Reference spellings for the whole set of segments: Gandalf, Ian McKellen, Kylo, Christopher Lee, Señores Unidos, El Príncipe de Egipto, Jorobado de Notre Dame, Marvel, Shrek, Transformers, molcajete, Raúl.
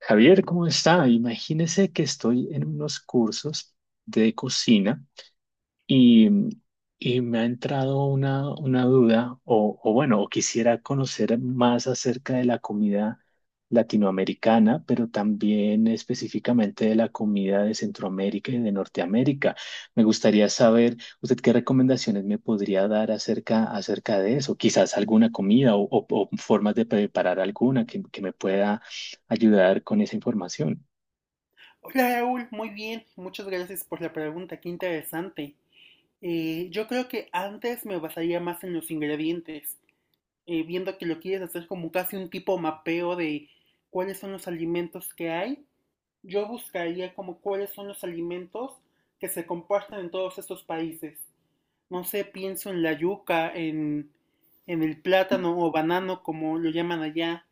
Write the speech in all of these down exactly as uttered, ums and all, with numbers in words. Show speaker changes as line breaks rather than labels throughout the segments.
Javier, ¿cómo está? Imagínese que estoy en unos cursos de cocina y, y me ha entrado una, una duda, o, o bueno, o quisiera conocer más acerca de la comida latinoamericana, pero también específicamente de la comida de Centroamérica y de Norteamérica. Me gustaría saber, usted qué recomendaciones me podría dar acerca, acerca de eso, quizás alguna comida o, o- o formas de preparar alguna que, que me pueda ayudar con esa información.
Hola Raúl, muy bien, muchas gracias por la pregunta, qué interesante. Eh, yo creo que antes me basaría más en los ingredientes, eh, viendo que lo quieres hacer como casi un tipo mapeo de cuáles son los alimentos que hay. Yo buscaría como cuáles son los alimentos que se comparten en todos estos países. No sé, pienso en la yuca, en, en el plátano o banano, como lo llaman allá.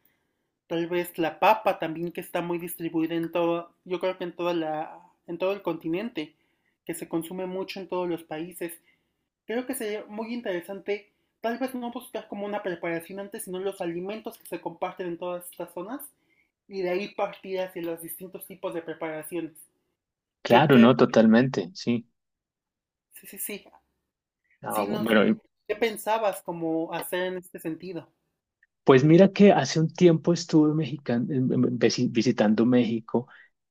Tal vez la papa también que está muy distribuida en todo, yo creo que en toda la, en todo el continente, que se consume mucho en todos los países. Creo que sería muy interesante, tal vez no buscar como una preparación antes, sino los alimentos que se comparten en todas estas zonas y de ahí partir hacia los distintos tipos de preparaciones. Que
Claro,
creo,
no, totalmente, sí.
sí, sí, sí.
Ah,
Sí, no sé,
bueno,
¿qué pensabas como hacer en este sentido?
pues mira que hace un tiempo estuve mexican- em- em- visi- visitando México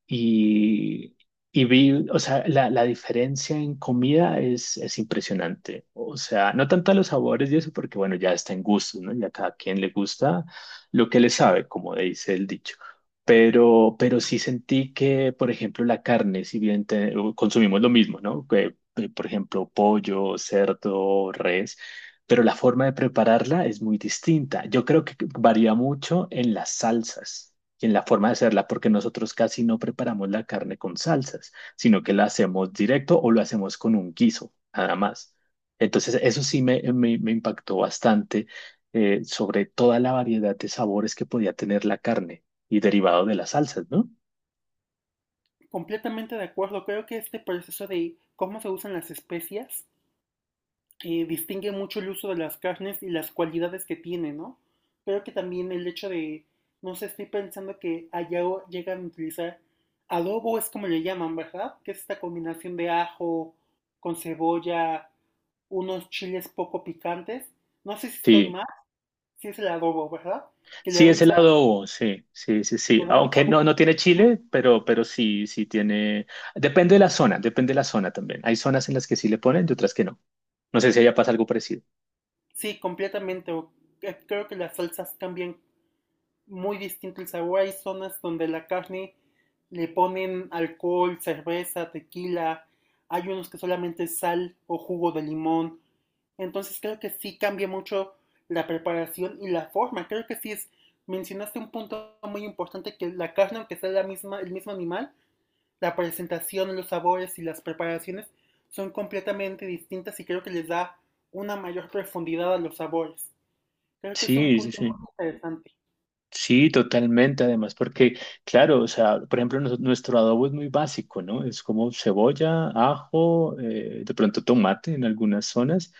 y, y vi, o sea, la, la diferencia en comida es, es impresionante. O sea, no tanto a los sabores y eso, porque bueno, ya está en gustos, ¿no? Ya cada quien le gusta lo que le sabe, como dice el dicho. Pero, pero sí sentí que, por ejemplo, la carne, si bien te- consumimos lo mismo, ¿no? Que, eh, por ejemplo, pollo, cerdo, res, pero la forma de prepararla es muy distinta. Yo creo que varía mucho en las salsas y en la forma de hacerla, porque nosotros casi no preparamos la carne con salsas, sino que la hacemos directo o lo hacemos con un guiso, nada más. Entonces, eso sí me, me- me impactó bastante, eh, sobre toda la variedad de sabores que podía tener la carne y derivado de las salsas, ¿no?
Completamente de acuerdo. Creo que este proceso de cómo se usan las especias eh, distingue mucho el uso de las carnes y las cualidades que tiene, ¿no? Pero que también el hecho de, no sé, estoy pensando que allá o- llegan a utilizar adobo, es como le llaman, ¿verdad? Que es esta combinación de ajo con cebolla, unos chiles poco picantes. No sé si estoy
Sí.
mal, si es el adobo, ¿verdad? Que le
Sí,
da
es
un
el
sabor,
adobo, sí, sí, sí, sí.
le da un
Aunque no,
sabor.
no tiene chile, pero, pero sí, sí tiene. Depende de la zona, depende de la zona también. Hay zonas en las que sí le ponen y otras que no. No sé si allá pasa algo parecido.
Sí, completamente. o- eh, Creo que las salsas cambian muy distinto el sabor. Hay zonas donde la carne le ponen alcohol, cerveza, tequila. Hay unos que solamente sal o jugo de limón. Entonces creo que sí cambia mucho la preparación y la forma. Creo que sí es, mencionaste un punto muy importante que la carne, aunque sea la misma, el mismo animal, la presentación, los sabores y las preparaciones son completamente distintas y creo que les da una mayor profundidad a los sabores. Creo que es un
Sí, sí,
punto
sí.
muy interesante.
Sí, totalmente. Además, porque, claro, o sea, por ejemplo, nos- nuestro adobo es muy básico, ¿no? Es como cebolla, ajo, eh, de pronto tomate en algunas zonas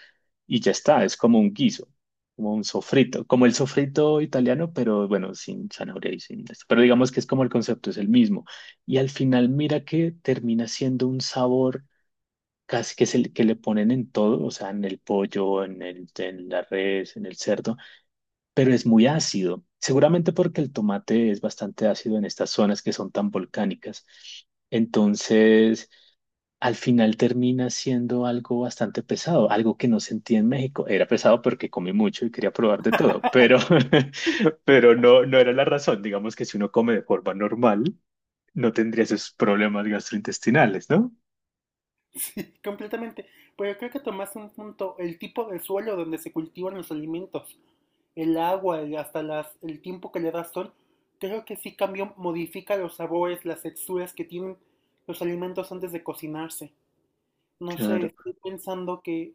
y ya está. Es como un guiso, como un sofrito, como el sofrito italiano, pero bueno, sin zanahoria y sin esto. Pero digamos que es como el concepto es el mismo. Y al final, mira que termina siendo un sabor casi que es el que le ponen en todo, o sea, en el pollo, en el, en la res, en el cerdo, pero es muy ácido. Seguramente porque el tomate es bastante ácido en estas zonas que son tan volcánicas. Entonces, al final termina siendo algo bastante pesado, algo que no sentí en México. Era pesado porque comí mucho y quería probar de todo, pero, pero no, no era la razón. Digamos que si uno come de forma normal, no tendría esos problemas gastrointestinales, ¿no?
Sí, completamente. Pero creo que tomaste un punto, el tipo de suelo donde se cultivan los alimentos, el agua, el- hasta las, el tiempo que le das sol, creo que sí cambia, modifica los sabores, las texturas que tienen los alimentos antes de cocinarse. No sé,
Claro.
estoy pensando que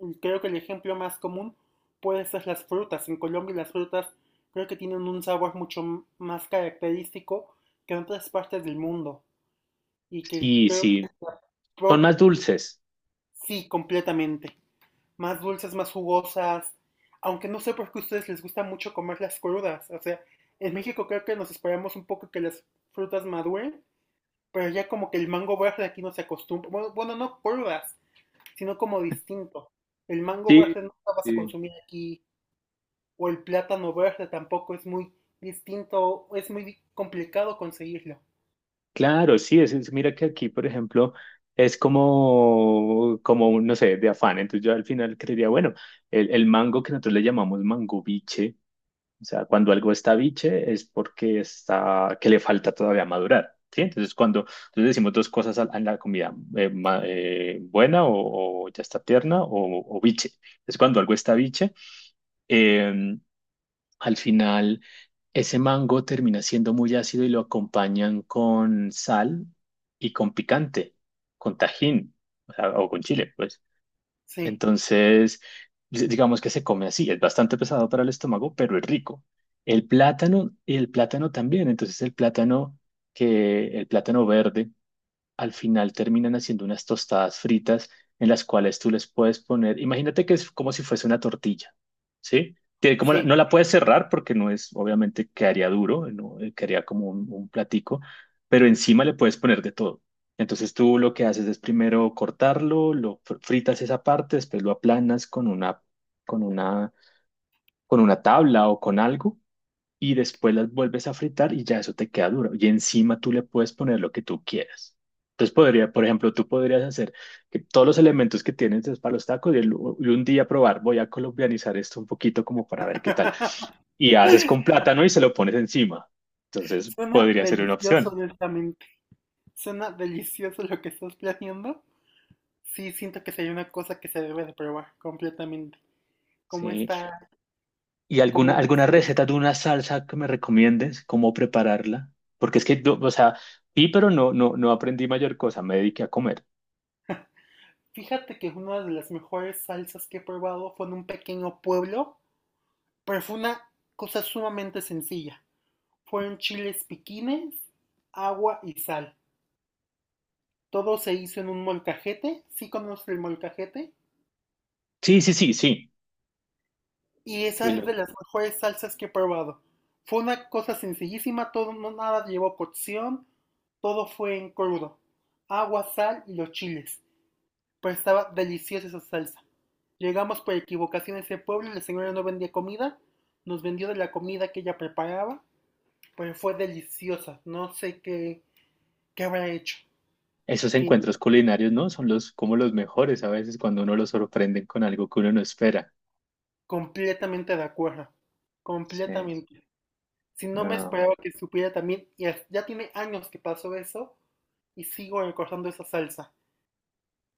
mm, creo que el ejemplo más común puede ser las frutas. En Colombia las frutas creo que tienen un sabor mucho m- más característico que en otras partes del mundo y que
Sí,
creo que
sí.
la
Son
pro-
más dulces.
Sí, completamente. Más dulces, más jugosas. Aunque no sé por qué a ustedes les gusta mucho comerlas crudas. O sea, en México creo que nos esperamos un poco que las frutas maduren, pero ya como que el mango verde aquí no se acostumbra. Bueno, bueno, no crudas, sino como distinto. El mango
Sí,
verde no lo vas a
sí.
consumir aquí, o el plátano verde tampoco es muy distinto, es muy di- complicado conseguirlo.
Claro, sí, es, es- mira que aquí, por ejemplo, es como, como un, no sé, de afán. Entonces yo al final creería, bueno, el, el mango que nosotros le llamamos mango biche, o sea, cuando algo está biche es porque está, que le falta todavía madurar, ¿sí? Entonces cuando entonces decimos dos cosas a, a la comida, eh, ma- eh, buena o, o ya está tierna o, o biche. Es cuando algo está biche. em, al final, ese mango termina siendo muy ácido y lo acompañan con sal y con picante, con tajín, o sea, o con chile, pues.
Sí,
Entonces, di- digamos que se come así, es bastante pesado para el estómago, pero es rico. El plátano, y el plátano también, entonces el plátano que, el plátano verde al final terminan haciendo unas tostadas fritas en las cuales tú les puedes poner, imagínate que es como si fuese una tortilla, ¿sí? Tiene como la-
sí.
no la puedes cerrar porque no es, obviamente quedaría duro, no, eh, quedaría como un, un platico, pero encima le puedes poner de todo. Entonces tú lo que haces es primero cortarlo, lo fr- fritas esa parte, después lo aplanas con una, con una, con una tabla o con algo y después las vuelves a fritar y ya eso te queda duro. Y encima tú le puedes poner lo que tú quieras. Entonces podría, por ejemplo, tú podrías hacer que todos los elementos que tienes es para los tacos y, el- y un día probar, voy a colombianizar esto un poquito como para ver qué tal. Y haces con plátano y se lo pones encima. Entonces
Suena
podría ser una
delicioso,
opción.
honestamente. Suena delicioso lo que estás planeando. Sí, siento que sería una cosa que se debe de probar completamente, como
Sí.
esta
¿Y alguna, alguna
combinación.
receta de una salsa que me recomiendes? ¿Cómo prepararla? Porque es que, yo, o sea, vi, pero no, no, no aprendí mayor cosa, me dediqué a comer.
Fíjate que una de las mejores salsas que he probado fue en un pequeño pueblo, pero fue una cosa sumamente sencilla. Fueron chiles piquines, agua y sal. Todo se hizo en un molcajete, sí conoces el molcajete,
Sí, sí, sí, sí.
y
Sí,
esa es de las mejores salsas que he probado. Fue una cosa sencillísima, todo no nada llevó cocción, todo fue en crudo. Agua, sal y los chiles. Pero estaba deliciosa esa salsa. Llegamos por equivocación a ese pueblo, la señora no vendía comida, nos vendió de la comida que ella preparaba, pero fue deliciosa, no sé qué, qué habrá hecho.
esos
Que
encuentros culinarios, ¿no? Son los como los mejores a veces cuando uno lo sorprenden con algo que uno no espera.
completamente de acuerdo,
Sí,
completamente. Si no me
no,
esperaba que supiera también, y as- ya tiene años que pasó eso, y sigo recordando esa salsa.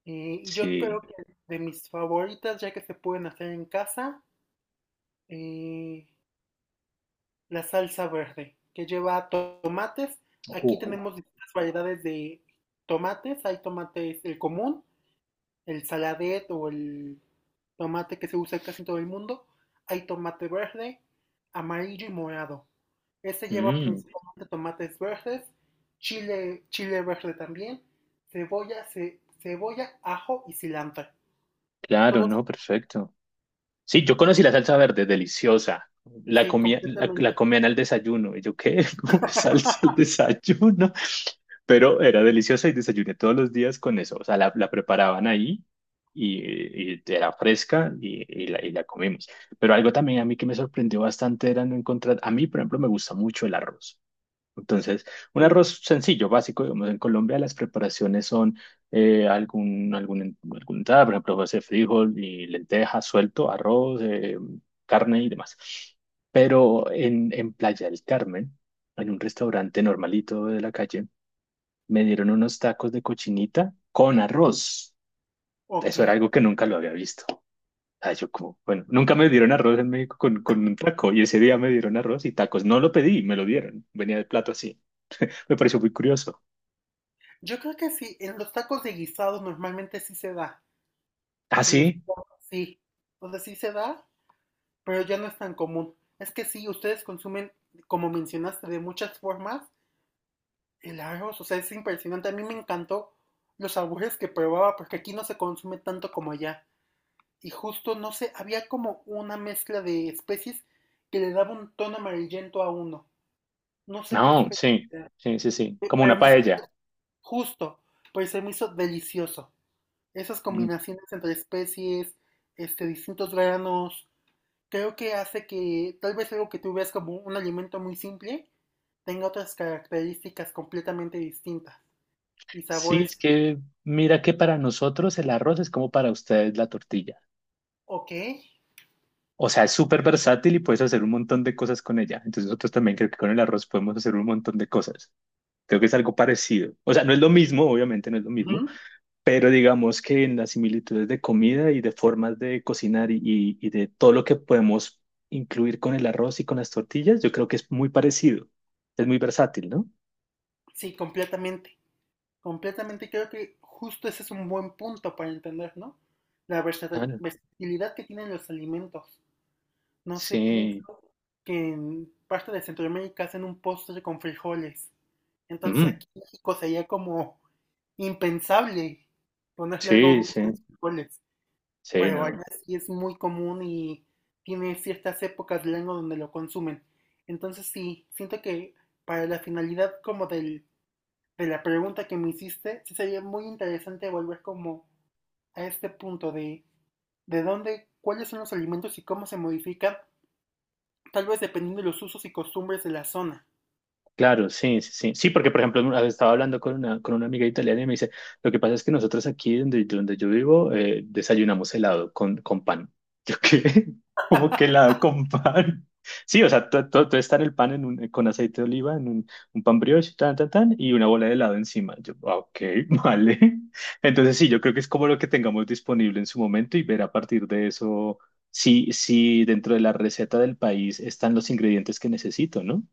Eh, y yo creo
sí.
que de mis favoritas, ya que se pueden hacer en casa, eh, la salsa verde, que lleva to- tomates.
Uh,
Aquí tenemos distintas variedades de tomates. Hay tomates, el común, el saladet o el tomate que se usa en casi todo el mundo. Hay tomate verde, amarillo y morado. Este lleva
mm,
principalmente tomates verdes, chile, chile verde también, cebolla, ce- cebolla, ajo y cilantro.
claro,
Todos,
no, perfecto. Sí, yo conocí la salsa verde, deliciosa. La
sí,
comía, la, la
completamente.
comían al desayuno. Y yo, ¿qué? ¿Cómo que salsa al desayuno? Pero era deliciosa y desayuné todos los días con eso. O sea, la, la preparaban ahí y, y era fresca y, y la, y la comimos. Pero algo también a mí que me sorprendió bastante era no encontrar. A mí, por ejemplo, me gusta mucho el arroz. Entonces, un
Sí,
arroz sencillo, básico, digamos, en Colombia las preparaciones son eh, algún, algún, algún entrada, por ejemplo, puede ser frijol y lenteja, suelto, arroz, eh, carne y demás. Pero en, en Playa del Carmen, en un restaurante normalito de la calle, me dieron unos tacos de cochinita con arroz.
ok.
Eso era algo que nunca lo había visto. Ah, yo como, bueno, nunca me dieron arroz en México con, con un taco y ese día me dieron arroz y tacos. No lo pedí, me lo dieron. Venía el plato así. Me pareció muy curioso.
Yo creo que sí, en los tacos de guisados normalmente sí se da. O
Ah,
se los
sí,
digo, sí. O sea, sí se da, pero ya no es tan común. Es que sí, ustedes consumen, como mencionaste, de muchas formas el arroz. O sea, es impresionante. A mí me encantó los sabores que probaba porque aquí no se consume tanto como allá. Y justo, no sé, había como una mezcla de especies que le daba un tono amarillento a uno. No sé qué
no,
especie,
sí, sí, sí, sí, como
pero
una
me hizo
paella.
justo, pero se me hizo delicioso. Esas
Mm.
combinaciones entre especies, este, distintos granos, creo que hace que tal vez algo que tú ves como un alimento muy simple tenga otras características completamente distintas y
Sí,
sabores,
es que mira que para nosotros el arroz es como para ustedes la tortilla.
ok,
O sea, es súper versátil y puedes hacer un montón de cosas con ella. Entonces nosotros también creo que con el arroz podemos hacer un montón de cosas. Creo que es algo parecido. O sea, no es lo mismo, obviamente no es lo mismo,
ujú,
pero digamos que en las similitudes de comida y de formas de cocinar y, y y de todo lo que podemos incluir con el arroz y con las tortillas, yo creo que es muy parecido. Es muy versátil, ¿no?
sí, completamente, completamente creo que justo ese es un buen punto para entender, ¿no? La versata-
Ah,
versatilidad que tienen los alimentos. No sé,
sí,
pienso que en parte de Centroamérica hacen un postre con frijoles, entonces
mm,
aquí en México sería como impensable ponerle algo
sí,
dulce a
sí,
los frijoles.
sí,
Pero
no.
allá sí es muy común y tiene ciertas épocas del año donde lo consumen. Entonces sí, siento que para la finalidad como del, de la pregunta que me hiciste, sí sería muy interesante volver como a este punto de de dónde, cuáles son los alimentos y cómo se modifican, tal vez dependiendo de los usos y costumbres de la zona.
Claro, sí, sí, sí. Sí, porque por ejemplo, estaba hablando con una, con una amiga italiana y me dice, lo que pasa es que nosotros aquí donde, donde yo vivo, eh, desayunamos helado con, con pan. ¿Yo qué? ¿Cómo que helado con pan? Sí, o sea, todo, todo, todo está en el pan en un- con aceite de oliva, en un, un pan brioche, tan, tan, tan, y una bola de helado encima. Yo, "Ah, ok, vale". Entonces sí, yo creo que es como lo que tengamos disponible en su momento y ver a partir de eso si, si dentro de la receta del país están los ingredientes que necesito, ¿no?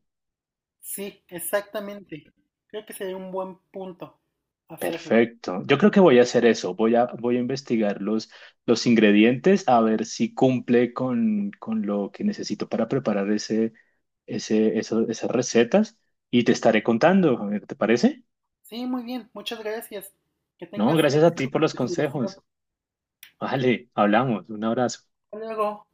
Sí, exactamente. Creo que sería un buen punto hacerlo.
Perfecto. Yo creo que voy a hacer eso. Voy a, voy a investigar los, los ingredientes a ver si cumple con, con lo que necesito para preparar ese, ese, eso- esas recetas y te estaré contando. A ver, ¿te parece?
Sí, muy bien. Muchas gracias. Que
No,
tengas
gracias a ti
éxito
por los
en tu investigación.
consejos. Vale, hablamos. Un abrazo.
Hasta luego.